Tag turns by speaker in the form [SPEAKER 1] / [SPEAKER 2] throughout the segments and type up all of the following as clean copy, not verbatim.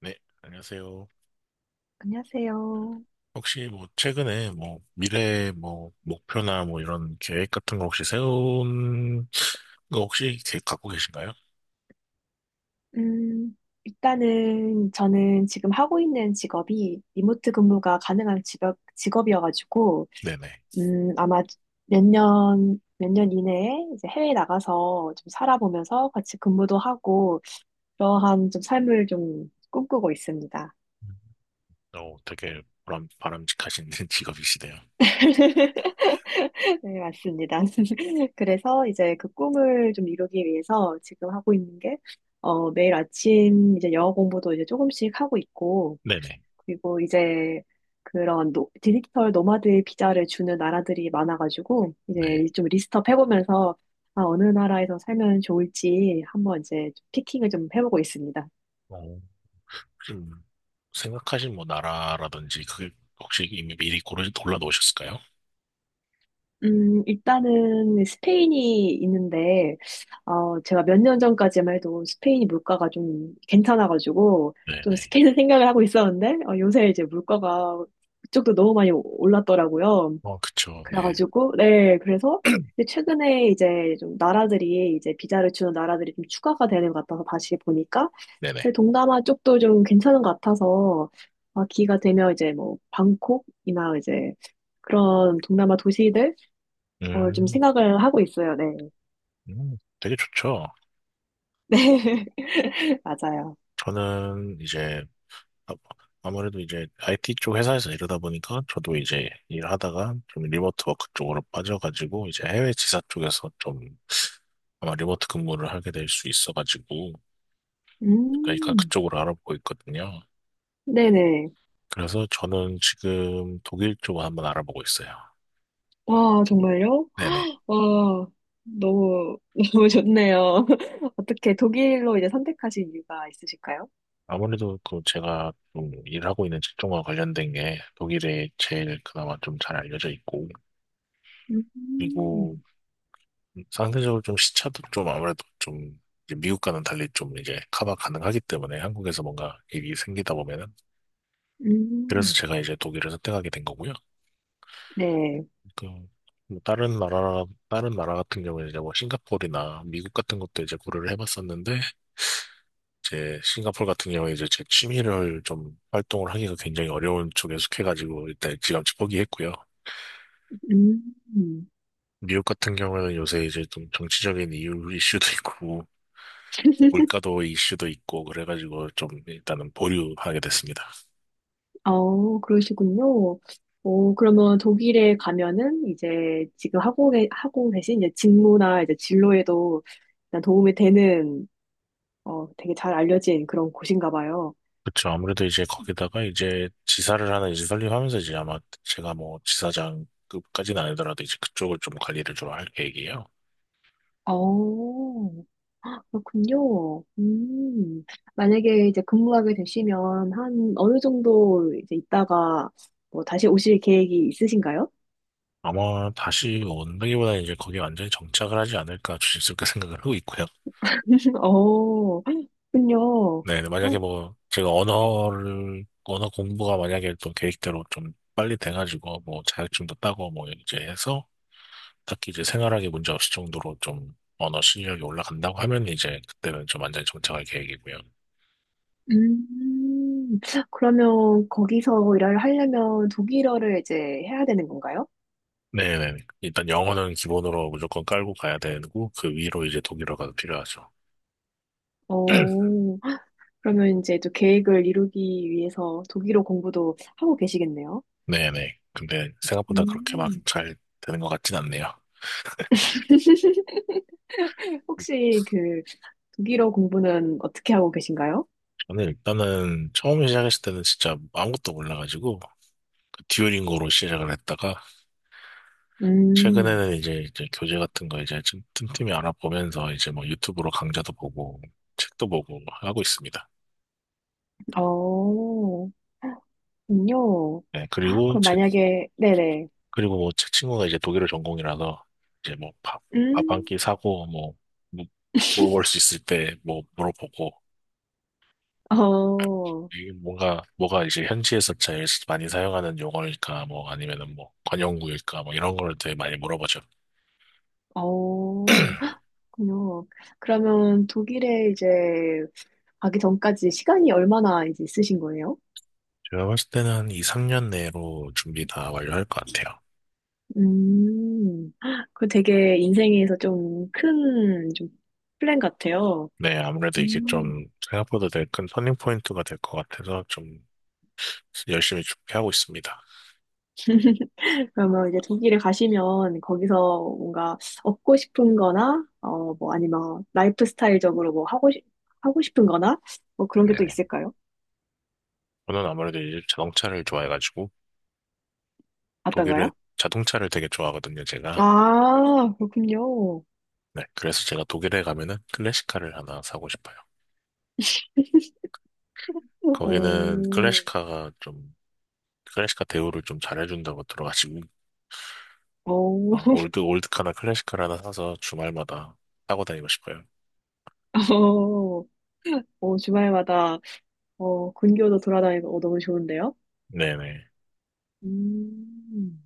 [SPEAKER 1] 네, 안녕하세요.
[SPEAKER 2] 안녕하세요.
[SPEAKER 1] 혹시 뭐 최근에 뭐 미래 뭐 목표나 뭐 이런 계획 같은 거 혹시 세운 거 혹시 계획 갖고 계신가요?
[SPEAKER 2] 음, 일단은 저는 지금 하고 있는 직업이 리모트 근무가 가능한 직업이어가지고,
[SPEAKER 1] 네네.
[SPEAKER 2] 아마 몇 년 이내에 이제 해외에 나가서 좀 살아보면서 같이 근무도 하고, 그러한 좀 삶을 좀 꿈꾸고 있습니다.
[SPEAKER 1] 음. 어, 되게 바람직하신 직업이시네요.
[SPEAKER 2] 네, 맞습니다. 그래서 이제 그 꿈을 좀 이루기 위해서 지금 하고 있는 게, 매일 아침 이제 영어 공부도 이제 조금씩 하고 있고,
[SPEAKER 1] 네네.
[SPEAKER 2] 그리고 이제 디지털 노마드의 비자를 주는 나라들이 많아가지고 이제
[SPEAKER 1] 네.
[SPEAKER 2] 좀 리스트업 해보면서 아, 어느 나라에서 살면 좋을지 한번 이제 좀 피킹을 좀 해보고 있습니다.
[SPEAKER 1] 어, 혹시 뭐 생각하신 뭐 나라라든지 그게 혹시 이미 미리 고르 골라 놓으셨을까요?
[SPEAKER 2] 일단은 스페인이 있는데, 제가 몇 년 전까지만 해도 스페인 물가가 좀 괜찮아가지고, 좀
[SPEAKER 1] 네네.
[SPEAKER 2] 스페인 생각을 하고 있었는데, 어, 요새 이제 물가가 그쪽도 너무 많이 올랐더라고요.
[SPEAKER 1] 어, 그쵸. 네.
[SPEAKER 2] 그래가지고, 네, 근데 최근에 이제 좀 이제 비자를 주는 나라들이 좀 추가가 되는 것 같아서 다시 보니까,
[SPEAKER 1] 네네.
[SPEAKER 2] 근데 동남아 쪽도 좀 괜찮은 것 같아서, 아, 기회가 되면 이제 방콕이나 이제 그런 동남아 도시들, 어, 좀
[SPEAKER 1] 음,
[SPEAKER 2] 생각을 하고 있어요. 네.
[SPEAKER 1] 되게 좋죠.
[SPEAKER 2] 네, 맞아요.
[SPEAKER 1] 저는 이제 아- 아무래도 이제 IT 쪽 회사에서 이러다 보니까 저도 이제 일하다가 좀 리모트 워크 쪽으로 빠져가지고 이제 해외 지사 쪽에서 좀 아마 리모트 근무를 하게 될 수 있어가지고 그러니까
[SPEAKER 2] 음,
[SPEAKER 1] 그쪽으로 알아보고 있거든요.
[SPEAKER 2] 네네.
[SPEAKER 1] 그래서 저는 지금 독일 쪽을 한번 알아보고 있어요.
[SPEAKER 2] 와, 정말요?
[SPEAKER 1] 네네.
[SPEAKER 2] 와, 너무, 너무 좋네요. 어떻게 독일로 이제 선택하신 이유가 있으실까요?
[SPEAKER 1] 아무래도 그 제가 좀 일하고 있는 직종과 관련된 게 독일에 제일 그나마 좀 잘 알려져 있고, 그리고
[SPEAKER 2] 음.
[SPEAKER 1] 상대적으로 좀 시차도 좀 아무래도 좀 이제 미국과는 달리 좀 이제 커버 가능하기 때문에 한국에서 뭔가 일이 생기다 보면은, 그래서
[SPEAKER 2] 음,
[SPEAKER 1] 제가 이제 독일을 선택하게 된 거고요.
[SPEAKER 2] 네.
[SPEAKER 1] 그, 뭐 다른 나라, 다른 나라 같은 경우에 이제 뭐 싱가포르나 미국 같은 것도 이제 고려를 해봤었는데 이제 싱가포르 같은 경우에 이제 제 취미를 좀 활동을 하기가 굉장히 어려운 쪽에 속해가지고 일단 지감치 포기했고요.
[SPEAKER 2] 음,
[SPEAKER 1] 미국 같은 경우에는 요새 이제 좀 정치적인 이유 이슈도 있고 물가도 이슈도 있고 그래가지고 좀 일단은 보류하게 됐습니다.
[SPEAKER 2] 어, 그러시군요. 오, 그러면 독일에 가면은 이제 지금 하고 계신 이제 직무나 이제 진로에도 일단 도움이 되는, 어, 되게 잘 알려진 그런 곳인가 봐요.
[SPEAKER 1] 그쵸. 아무래도 이제 거기다가 이제 지사를 하나 이제 설립하면서 이제 아마 제가 뭐 지사장급까지는 아니더라도 이제 그쪽을 좀 관리를 주로 할 계획이에요.
[SPEAKER 2] 어, 그렇군요. 만약에 이제 근무하게 되시면 한 어느 정도 이제 있다가 뭐 다시 오실 계획이 있으신가요?
[SPEAKER 1] 아마 다시 온다기보다는 이제 거기 완전히 정착을 하지 않을까 조심스럽게 생각을 하고 있고요.
[SPEAKER 2] 어, 그렇군요.
[SPEAKER 1] 네, 만약에 뭐 제가 언어 공부가 만약에 또 계획대로 좀 빨리 돼가지고 뭐 자격증도 따고 뭐 이제 해서 딱히 이제 생활하기 문제 없을 정도로 좀 언어 실력이 올라간다고 하면 이제 그때는 좀 완전히 정착할 계획이고요.
[SPEAKER 2] 음, 그러면 거기서 일을 하려면 독일어를 이제 해야 되는 건가요?
[SPEAKER 1] 네네. 일단 영어는 기본으로 무조건 깔고 가야 되고 그 위로 이제 독일어가 필요하죠.
[SPEAKER 2] 오, 그러면 이제 또 계획을 이루기 위해서 독일어 공부도 하고 계시겠네요.
[SPEAKER 1] 네네. 근데 생각보다 그렇게 막
[SPEAKER 2] 음,
[SPEAKER 1] 잘 되는 것 같진 않네요.
[SPEAKER 2] 혹시 그 독일어 공부는 어떻게 하고 계신가요?
[SPEAKER 1] 저는 일단은 처음 시작했을 때는 진짜 아무것도 몰라가지고 그 듀오링고로 시작을 했다가
[SPEAKER 2] 음,
[SPEAKER 1] 최근에는 이제 교재 같은 거 이제 좀 틈틈이 알아보면서 이제 뭐 유튜브로 강좌도 보고 책도 보고 하고 있습니다.
[SPEAKER 2] 어, 군요.
[SPEAKER 1] 네,
[SPEAKER 2] 그럼 만약에, 네네.
[SPEAKER 1] 그리고 뭐 제 친구가 이제 독일어 전공이라서 이제 뭐 밥 한
[SPEAKER 2] 음,
[SPEAKER 1] 끼 사고 뭐, 뭐 물어볼 수 있을 때 뭐 물어보고
[SPEAKER 2] 어,
[SPEAKER 1] 이게 뭔가 뭐가 이제 현지에서 제일 많이 사용하는 용어일까 뭐 아니면은 뭐 관용구일까 뭐 이런 거를 되게 많이 물어보죠.
[SPEAKER 2] 어, 그렇군요. 그러면 독일에 이제 가기 전까지 시간이 얼마나 이제 있으신 거예요?
[SPEAKER 1] 제가 봤을 때는 한 2, 3년 내로 준비 다 완료할 것 같아요.
[SPEAKER 2] 음, 그 되게 인생에서 좀 큰 좀 플랜 같아요.
[SPEAKER 1] 네, 아무래도 이게
[SPEAKER 2] 음,
[SPEAKER 1] 좀 생각보다 되게 큰 터닝 포인트가 될 것 같아서 좀 열심히 준비하고 있습니다.
[SPEAKER 2] 그러면 이제 독일에 가시면 거기서 뭔가 얻고 싶은 거나, 어, 뭐 아니면 라이프 스타일적으로 하고 싶은 거나, 뭐 그런 게 또
[SPEAKER 1] 네네.
[SPEAKER 2] 있을까요?
[SPEAKER 1] 저는 아무래도 이제 자동차를 좋아해가지고 독일을
[SPEAKER 2] 어떤가요?
[SPEAKER 1] 자동차를 되게 좋아하거든요, 제가.
[SPEAKER 2] 아, 그렇군요.
[SPEAKER 1] 네, 그래서 제가 독일에 가면은 클래식카를 하나 사고 싶어요. 거기는
[SPEAKER 2] 오,
[SPEAKER 1] 클래식카가 좀 클래식카 대우를 좀 잘해준다고 들어가지고
[SPEAKER 2] 오,
[SPEAKER 1] 어, 올드카나 클래식카를 하나 사서 주말마다 타고 다니고 싶어요.
[SPEAKER 2] 오, 주말마다, 어, 근교도 돌아다니고, 어, 너무 좋은데요?
[SPEAKER 1] 네네.
[SPEAKER 2] 음.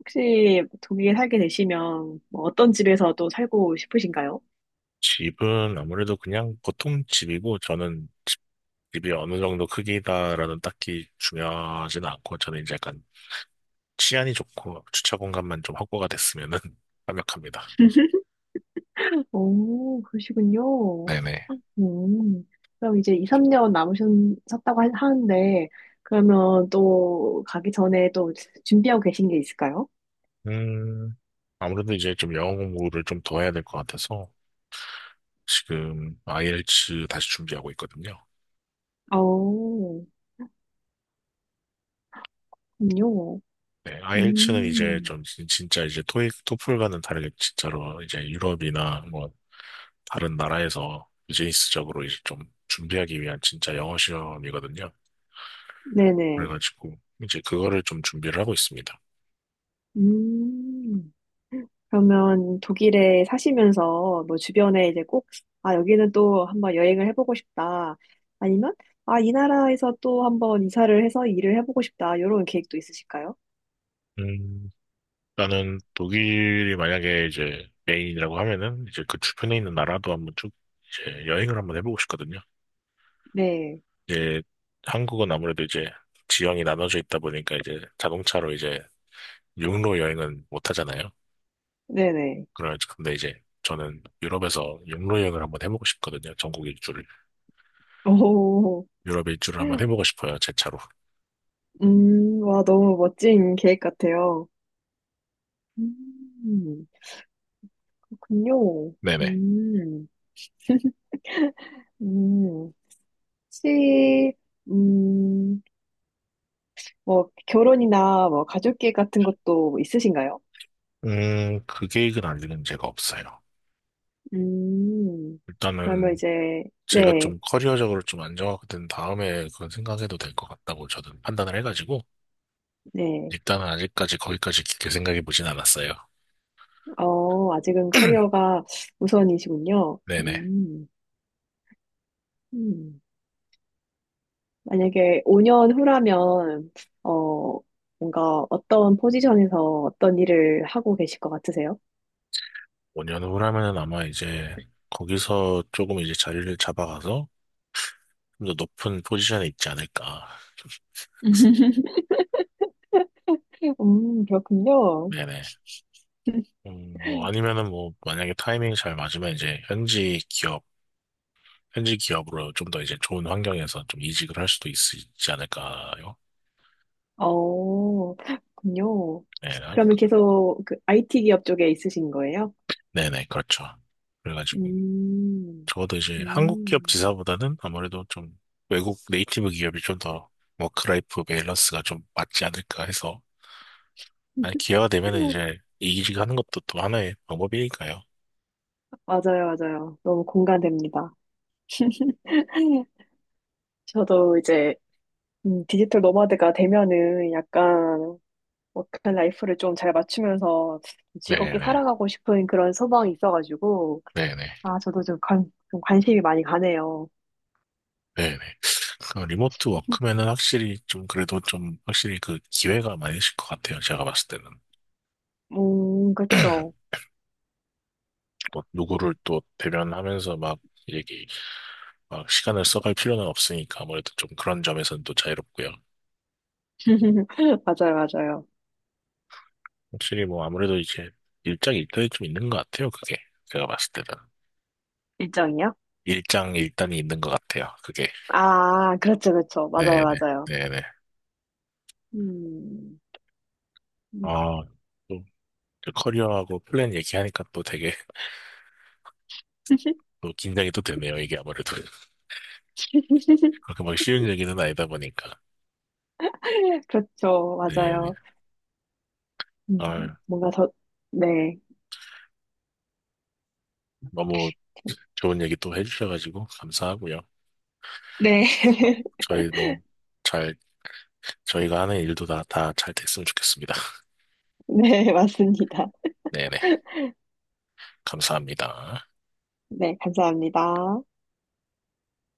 [SPEAKER 2] 혹시 독일에 살게 되시면 뭐 어떤 집에서 또 살고 싶으신가요?
[SPEAKER 1] 집은 아무래도 그냥 보통 집이고 저는 집이 어느 정도 크기다라는 딱히 중요하진 않고 저는 이제 약간 치안이 좋고 주차 공간만 좀 확보가 됐으면은 완벽합니다.
[SPEAKER 2] 오, 그러시군요.
[SPEAKER 1] 네네.
[SPEAKER 2] 음, 그럼 이제 2, 3년 남으셨다고 하는데, 그러면 또 가기 전에 또 준비하고 계신 게 있을까요?
[SPEAKER 1] 음, 아무래도 이제 좀 영어 공부를 좀 더 해야 될 것 같아서 지금 IELTS 다시 준비하고 있거든요.
[SPEAKER 2] 오, 그럼요.
[SPEAKER 1] 네, IELTS는 이제
[SPEAKER 2] 음,
[SPEAKER 1] 좀 진짜 이제 토익, 토플과는 다르게 진짜로 이제 유럽이나 뭐 다른 나라에서 비즈니스적으로 이제 좀 준비하기 위한 진짜 영어 시험이거든요.
[SPEAKER 2] 네네.
[SPEAKER 1] 그래가지고 이제 그거를 좀 준비를 하고 있습니다.
[SPEAKER 2] 음, 그러면 독일에 사시면서 뭐 주변에 이제 꼭, 아, 여기는 또 한번 여행을 해보고 싶다. 아니면, 아, 이 나라에서 또 한번 이사를 해서 일을 해보고 싶다. 이런 계획도 있으실까요?
[SPEAKER 1] 음, 나는 독일이 만약에 이제 메인이라고 하면은 이제 그 주변에 있는 나라도 한번 쭉 이제 여행을 한번 해보고 싶거든요.
[SPEAKER 2] 네,
[SPEAKER 1] 이제 한국은 아무래도 이제 지형이 나눠져 있다 보니까 이제 자동차로 이제 육로 여행은 못 하잖아요.
[SPEAKER 2] 네네.
[SPEAKER 1] 그래, 근데 이제 저는 유럽에서 육로 여행을 한번 해보고 싶거든요. 전국 일주를.
[SPEAKER 2] 오,
[SPEAKER 1] 유럽 일주를 한번 해보고 싶어요. 제 차로.
[SPEAKER 2] 와, 너무 멋진 계획 같아요. 음, 그렇군요.
[SPEAKER 1] 네네.
[SPEAKER 2] 음, 음, 혹시, 음, 뭐, 결혼이나 뭐, 가족계획 같은 것도 있으신가요?
[SPEAKER 1] 그 계획은 아직은 제가 없어요.
[SPEAKER 2] 음, 그러면
[SPEAKER 1] 일단은
[SPEAKER 2] 이제,
[SPEAKER 1] 제가
[SPEAKER 2] 네,
[SPEAKER 1] 좀 커리어적으로 좀 안정화가 된 다음에 그건 생각해도 될 것 같다고 저는 판단을 해가지고
[SPEAKER 2] 네.
[SPEAKER 1] 일단은 아직까지 거기까지 깊게 생각해 보진 않았어요.
[SPEAKER 2] 어, 아직은 커리어가 우선이시군요.
[SPEAKER 1] 네네.
[SPEAKER 2] 음. 만약에 5년 후라면, 어, 뭔가 어떤 포지션에서 어떤 일을 하고 계실 것 같으세요?
[SPEAKER 1] 5년 후라면은 아마 이제 거기서 조금 이제 자리를 잡아가서 좀 더 높은 포지션에 있지 않을까.
[SPEAKER 2] 그렇군요.
[SPEAKER 1] 네네. 뭐 아니면은 뭐 만약에 타이밍이 잘 맞으면 이제 현지 기업으로 좀 더 이제 좋은 환경에서 좀 이직을 할 수도 있지 않을까요?
[SPEAKER 2] 어, 그렇군요.
[SPEAKER 1] 네, 아,
[SPEAKER 2] 그러면 계속 그 IT 기업 쪽에 있으신 거예요?
[SPEAKER 1] 네네, 그렇죠. 그래가지고
[SPEAKER 2] 음,
[SPEAKER 1] 적어도 이제 한국 기업
[SPEAKER 2] 음.
[SPEAKER 1] 지사보다는 아무래도 좀 외국 네이티브 기업이 좀 더 워크라이프 밸런스가 좀 맞지 않을까 해서, 아니, 기회가 되면은 이제 이직 하는 것도 또 하나의 방법이니까요.
[SPEAKER 2] 맞아요, 맞아요. 너무 공감됩니다. 저도 이제 디지털 노마드가 되면은 약간 워크 라이프를 좀 잘 맞추면서 즐겁게
[SPEAKER 1] 네네.
[SPEAKER 2] 살아가고 싶은 그런 소망이 있어가지고
[SPEAKER 1] 네네.
[SPEAKER 2] 아 저도 좀 관심이 많이 가네요.
[SPEAKER 1] 네네. 그 리모트 워크면은 확실히 좀 그래도 좀 확실히 그 기회가 많으실 것 같아요. 제가 봤을 때는.
[SPEAKER 2] 그쵸.
[SPEAKER 1] 뭐 누구를
[SPEAKER 2] 음.
[SPEAKER 1] 또 대면하면서 막 얘기, 막 시간을 써갈 필요는 없으니까 아무래도 좀 그런 점에서는 또 자유롭고요.
[SPEAKER 2] 맞아요, 맞아요.
[SPEAKER 1] 확실히 뭐 아무래도 이제 일장 일단이 좀 있는 것 같아요. 그게. 제가 봤을 때는.
[SPEAKER 2] 일정이요?
[SPEAKER 1] 일장 일단이 있는 것 같아요. 그게.
[SPEAKER 2] 아 그렇죠, 그렇죠. 맞아요,
[SPEAKER 1] 네네.
[SPEAKER 2] 맞아요.
[SPEAKER 1] 네네.
[SPEAKER 2] 음, 음.
[SPEAKER 1] 아, 또 커리어하고 플랜 얘기하니까 또 되게 또 긴장이 또 되네요. 이게 아무래도 그렇게 막 쉬운 얘기는 아니다 보니까.
[SPEAKER 2] 그렇죠,
[SPEAKER 1] 네. 네.
[SPEAKER 2] 맞아요.
[SPEAKER 1] 아,
[SPEAKER 2] 뭔가 더 네.
[SPEAKER 1] 너무 좋은 얘기 또 해주셔가지고 감사하고요.
[SPEAKER 2] 네.
[SPEAKER 1] 저희 뭐 잘 저희가 하는 일도 다 잘 됐으면 좋겠습니다.
[SPEAKER 2] 네, 맞습니다.
[SPEAKER 1] 네네. 감사합니다.
[SPEAKER 2] 네, 감사합니다.